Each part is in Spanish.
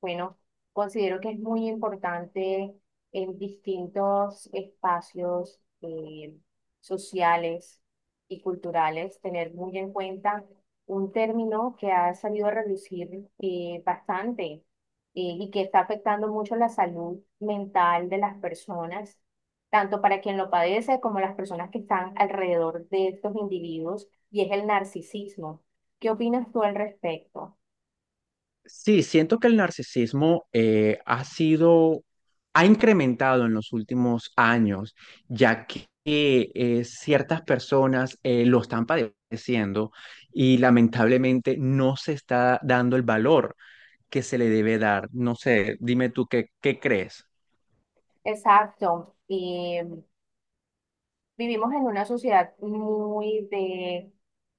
Bueno, considero que es muy importante en distintos espacios sociales y culturales tener muy en cuenta un término que ha salido a reducir bastante y que está afectando mucho la salud mental de las personas, tanto para quien lo padece como las personas que están alrededor de estos individuos, y es el narcisismo. ¿Qué opinas tú al respecto? Sí, siento que el narcisismo ha sido, ha incrementado en los últimos años, ya que ciertas personas lo están padeciendo y lamentablemente no se está dando el valor que se le debe dar. No sé, dime tú qué crees. Exacto. Vivimos en una sociedad muy de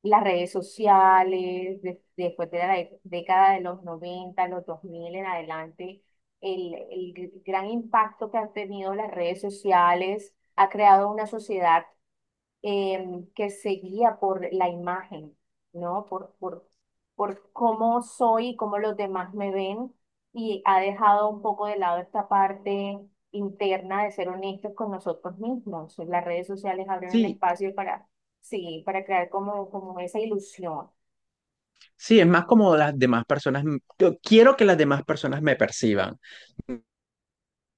las redes sociales, después de la década de los 90 los 2000 en adelante, el gran impacto que han tenido las redes sociales ha creado una sociedad que se guía por la imagen, ¿no? Por cómo soy y cómo los demás me ven. Y ha dejado un poco de lado esta parte interna de ser honestos con nosotros mismos. Las redes sociales abren un Sí, espacio para, sí, para crear como esa ilusión. sí, es más como las demás personas, yo quiero que las demás personas me perciban.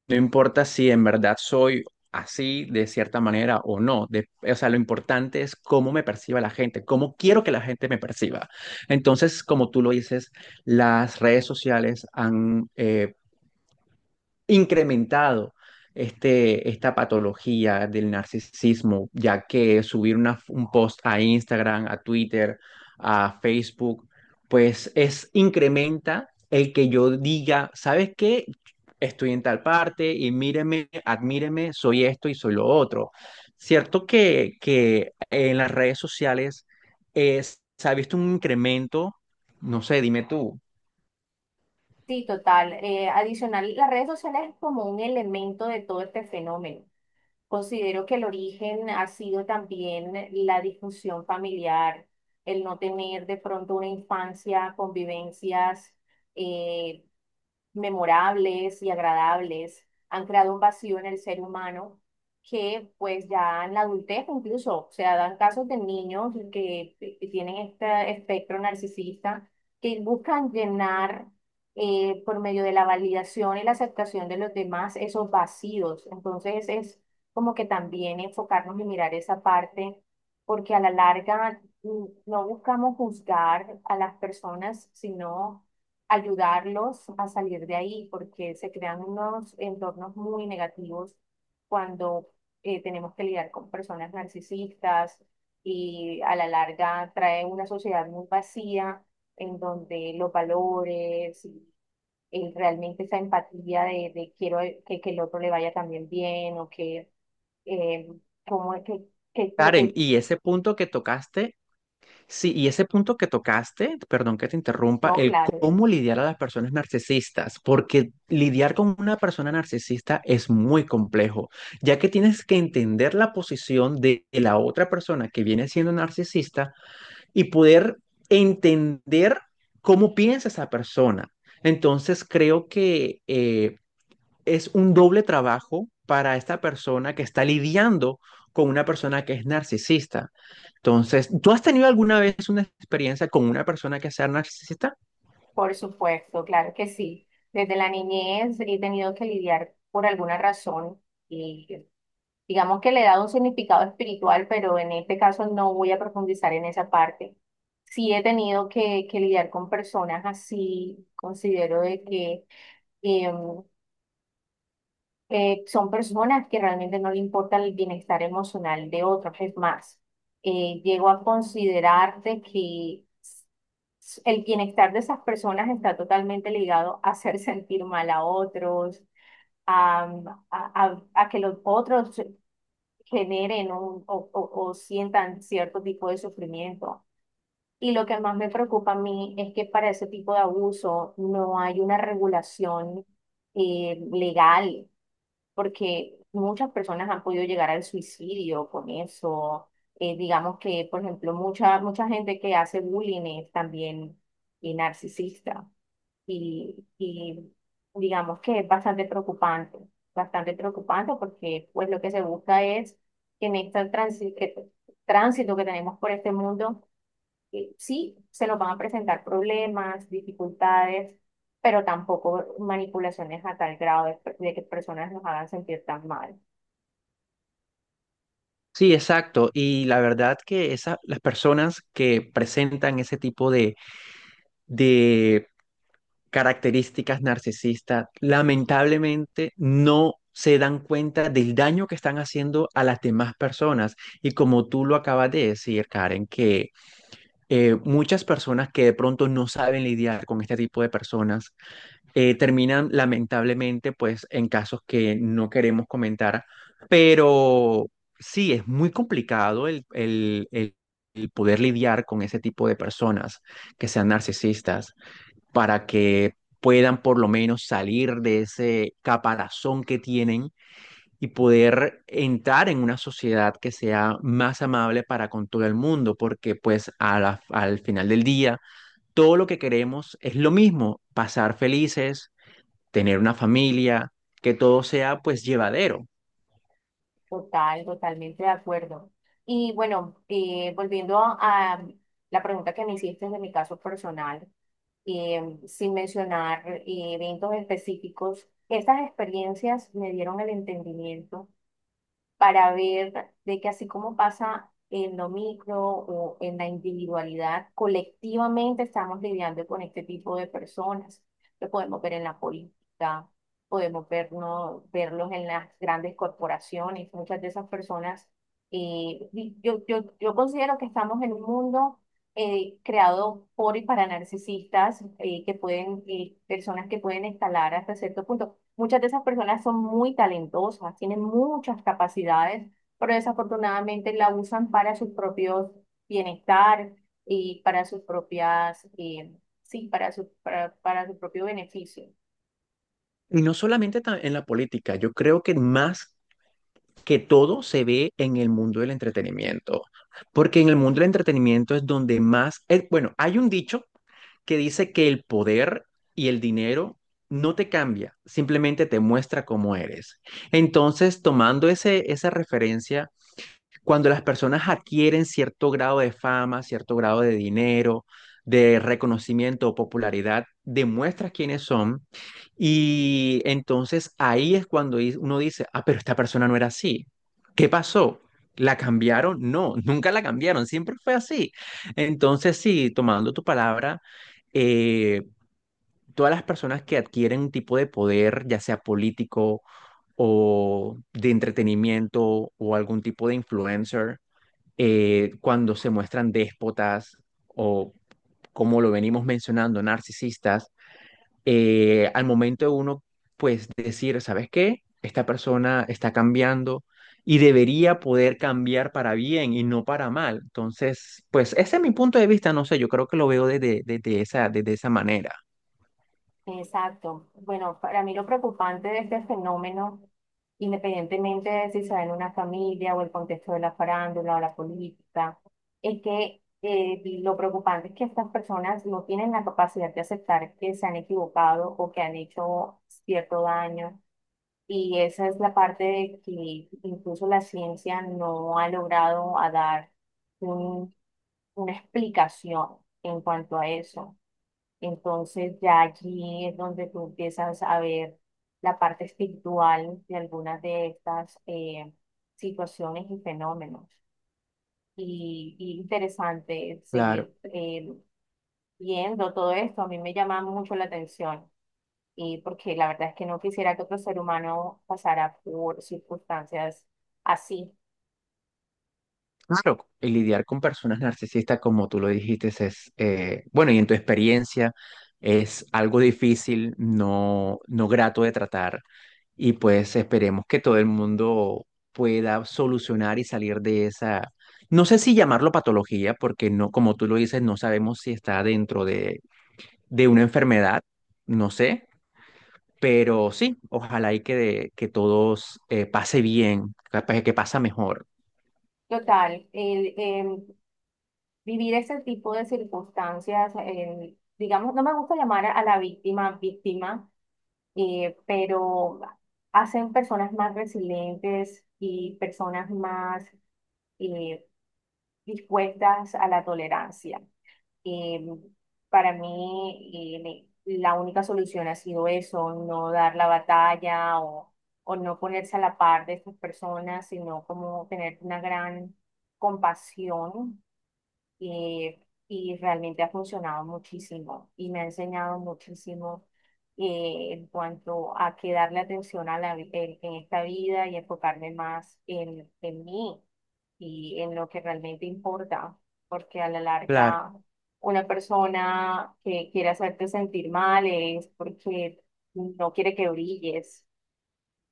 No importa si en verdad soy así de cierta manera o no. O sea, lo importante es cómo me perciba la gente, cómo quiero que la gente me perciba. Entonces, como tú lo dices, las redes sociales han incrementado esta patología del narcisismo, ya que subir un post a Instagram, a Twitter, a Facebook, pues es incrementa el que yo diga, ¿sabes qué? Estoy en tal parte y míreme, admíreme, soy esto y soy lo otro. Cierto que en las redes sociales se ha visto un incremento, no sé, dime tú, Sí, total. Adicional, las redes sociales es como un elemento de todo este fenómeno. Considero que el origen ha sido también la disfunción familiar, el no tener de pronto una infancia, convivencias, eh, memorables y agradables, han creado un vacío en el ser humano que pues ya en la adultez incluso, o sea, dan casos de niños que tienen este espectro narcisista, que buscan llenar por medio de la validación y la aceptación de los demás esos vacíos. Entonces es como que también enfocarnos y mirar esa parte, porque a la larga no buscamos juzgar a las personas, sino ayudarlos a salir de ahí, porque se crean unos entornos muy negativos cuando tenemos que lidiar con personas narcisistas y a la larga trae una sociedad muy vacía en donde los valores y realmente esa empatía de quiero que el otro le vaya también bien o que, eh, como que lo Karen, que, y ese punto que tocaste. Sí, y ese punto que tocaste, perdón que te interrumpa, no, el claro. cómo lidiar a las personas narcisistas, porque lidiar con una persona narcisista es muy complejo, ya que tienes que entender la posición de la otra persona que viene siendo narcisista y poder entender cómo piensa esa persona. Entonces, creo que es un doble trabajo para esta persona que está lidiando con una persona que es narcisista. Entonces, ¿tú has tenido alguna vez una experiencia con una persona que sea narcisista? Por supuesto, claro que sí. Desde la niñez he tenido que lidiar por alguna razón y digamos que le he dado un significado espiritual, pero en este caso no voy a profundizar en esa parte. Sí he tenido que lidiar con personas así, considero de que em, son personas que realmente no le importa el bienestar emocional de otros. Es más, llego a considerar de que el bienestar de esas personas está totalmente ligado a hacer sentir mal a otros, a, a que los otros generen o sientan cierto tipo de sufrimiento. Y lo que más me preocupa a mí es que para ese tipo de abuso no hay una regulación legal porque muchas personas han podido llegar al suicidio con eso. Digamos que, por ejemplo, mucha gente que hace bullying es también narcisista y digamos que es bastante preocupante porque pues lo que se busca es que en este tránsito que tenemos por este mundo, sí, se nos van a presentar problemas, dificultades, pero tampoco manipulaciones a tal grado de que personas nos hagan sentir tan mal. Sí, exacto. Y la verdad que las personas que presentan ese tipo de características narcisistas, lamentablemente no se dan cuenta del daño que están haciendo a las demás personas. Y como tú lo acabas de decir, Karen, que muchas personas que de pronto no saben lidiar con este tipo de personas terminan lamentablemente pues en casos que no queremos comentar, pero sí, es muy complicado el poder lidiar con ese tipo de personas que sean narcisistas para que puedan por lo menos salir de ese caparazón que tienen y poder entrar en una sociedad que sea más amable para con todo el mundo, porque pues a al final del día todo lo que queremos es lo mismo, pasar felices, tener una familia, que todo sea pues llevadero. Total, totalmente de acuerdo. Y bueno, volviendo a la pregunta que me hiciste de mi caso personal, sin mencionar eventos específicos, estas experiencias me dieron el entendimiento para ver de que así como pasa en lo micro o en la individualidad, colectivamente estamos lidiando con este tipo de personas. Lo podemos ver en la política, podemos vernos, verlos en las grandes corporaciones. Muchas de esas personas, y yo considero que estamos en un mundo creado por y para narcisistas, que pueden, y personas que pueden escalar hasta cierto punto. Muchas de esas personas son muy talentosas, tienen muchas capacidades, pero desafortunadamente la usan para sus propios bienestar y para sus propias, sí, para su propio beneficio. Y no solamente en la política, yo creo que más que todo se ve en el mundo del entretenimiento, porque en el mundo del entretenimiento es donde más, bueno, hay un dicho que dice que el poder y el dinero no te cambia, simplemente te muestra cómo eres. Entonces, tomando esa referencia, cuando las personas adquieren cierto grado de fama, cierto grado de dinero, de reconocimiento o popularidad, demuestras quiénes son y entonces ahí es cuando uno dice, ah, pero esta persona no era así. ¿Qué pasó? ¿La cambiaron? No, nunca la cambiaron, siempre fue así. Entonces, sí, tomando tu palabra, eh, todas las personas que adquieren un tipo de poder, ya sea político o de entretenimiento o algún tipo de influencer, cuando se muestran déspotas o, como lo venimos mencionando, narcisistas, al momento de uno, pues decir, ¿sabes qué? Esta persona está cambiando y debería poder cambiar para bien y no para mal. Entonces, pues ese es mi punto de vista, no sé, yo creo que lo veo desde esa manera. Exacto. Bueno, para mí lo preocupante de este fenómeno, independientemente de si se da en una familia o el contexto de la farándula o la política, es que lo preocupante es que estas personas no tienen la capacidad de aceptar que se han equivocado o que han hecho cierto daño. Y esa es la parte de que incluso la ciencia no ha logrado a dar un- una explicación en cuanto a eso. Entonces ya allí es donde tú empiezas a ver la parte espiritual de algunas de estas situaciones y fenómenos. Y interesante Claro. seguir viendo todo esto. A mí me llama mucho la atención y porque la verdad es que no quisiera que otro ser humano pasara por circunstancias así. Claro, y lidiar con personas narcisistas, como tú lo dijiste, es, bueno, y en tu experiencia es algo difícil, no, no grato de tratar, y pues esperemos que todo el mundo pueda solucionar y salir de esa, no sé si llamarlo patología, porque no, como tú lo dices, no sabemos si está dentro de una enfermedad, no sé, pero sí, ojalá y que todos pase bien, capaz que pasa mejor. Total, vivir ese tipo de circunstancias, digamos, no me gusta llamar a la víctima víctima pero hacen personas más resilientes y personas más eh, dispuestas a la tolerancia. Eh, para mí, la única solución ha sido eso, no dar la batalla o, no ponerse a la par de estas personas, sino como tener una gran compasión eh, y realmente ha funcionado muchísimo y me ha enseñado muchísimo en cuanto a que darle atención a en esta vida y enfocarme más en mí y en lo que realmente importa, porque a la Claro. larga una persona que quiere hacerte sentir mal es porque no quiere que brilles.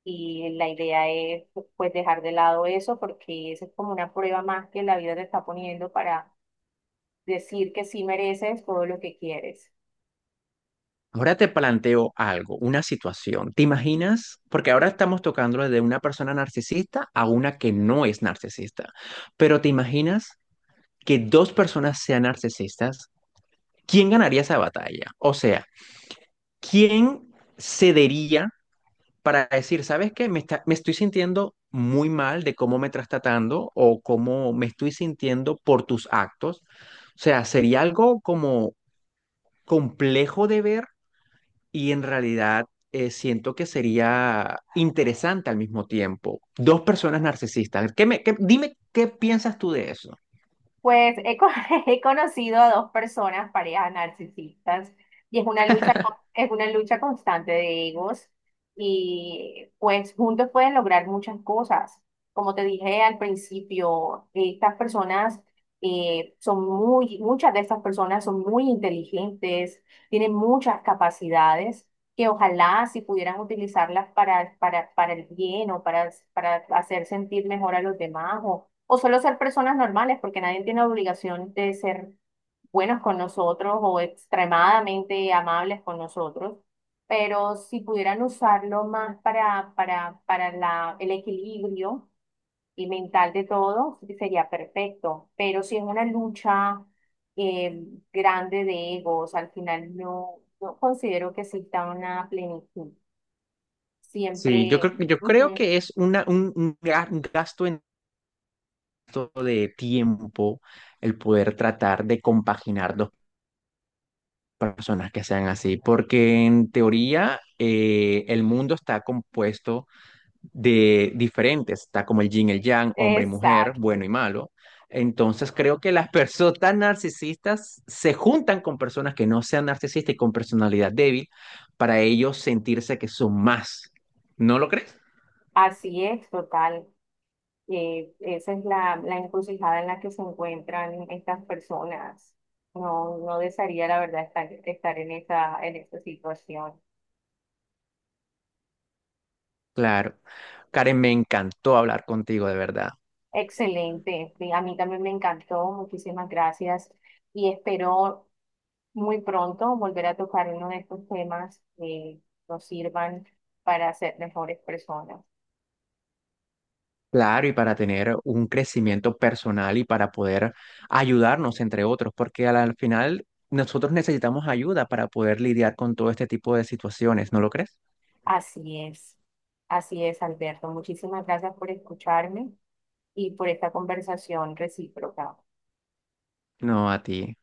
Y la idea es pues dejar de lado eso porque esa es como una prueba más que la vida te está poniendo para decir que sí mereces todo lo que quieres. Ahora te planteo algo, una situación. ¿Te imaginas? Porque ahora estamos tocando de una persona narcisista a una que no es narcisista. Pero ¿te imaginas que dos personas sean narcisistas? ¿Quién ganaría esa batalla? O sea, ¿quién cedería para decir, ¿sabes qué? Me estoy sintiendo muy mal de cómo me estás tratando o cómo me estoy sintiendo por tus actos. O sea, sería algo como complejo de ver y en realidad siento que sería interesante al mismo tiempo. Dos personas narcisistas. ¿Qué dime qué piensas tú de eso? Pues he conocido a dos personas, parejas narcisistas, y es una lucha constante de egos, y pues juntos pueden lograr muchas cosas. Como te dije al principio, estas personas son muy, muchas de estas personas son muy inteligentes, tienen muchas capacidades que ojalá si pudieran utilizarlas para el bien o para hacer sentir mejor a los demás o solo ser personas normales, porque nadie tiene obligación de ser buenos con nosotros o extremadamente amables con nosotros. Pero si pudieran usarlo más para el equilibrio y mental de todo, sería perfecto. Pero si es una lucha eh, grande de egos, al final no considero que exista una plenitud. Sí, Siempre, yo creo ujú, que es una, un ga- un gasto en todo de tiempo el poder tratar de compaginar dos personas que sean así, porque en teoría el mundo está compuesto de diferentes, está como el yin, el yang, hombre y mujer, bueno exacto. y malo. Entonces creo que las personas tan narcisistas se juntan con personas que no sean narcisistas y con personalidad débil para ellos sentirse que son más. ¿No lo crees? Así es, total. Esa es la encrucijada en la que se encuentran estas personas. No, no desearía, la verdad, estar en en esa situación. Claro. Karen, me encantó hablar contigo, de verdad. Excelente. Sí, a mí también me encantó. Muchísimas gracias. Y espero muy pronto volver a tocar uno de estos temas que nos sirvan para ser mejores personas. Claro, y para tener un crecimiento personal y para poder ayudarnos entre otros, porque al al final nosotros necesitamos ayuda para poder lidiar con todo este tipo de situaciones, ¿no lo crees? Así es. Así es, Alberto. Muchísimas gracias por escucharme y por esta conversación recíproca. No, a ti.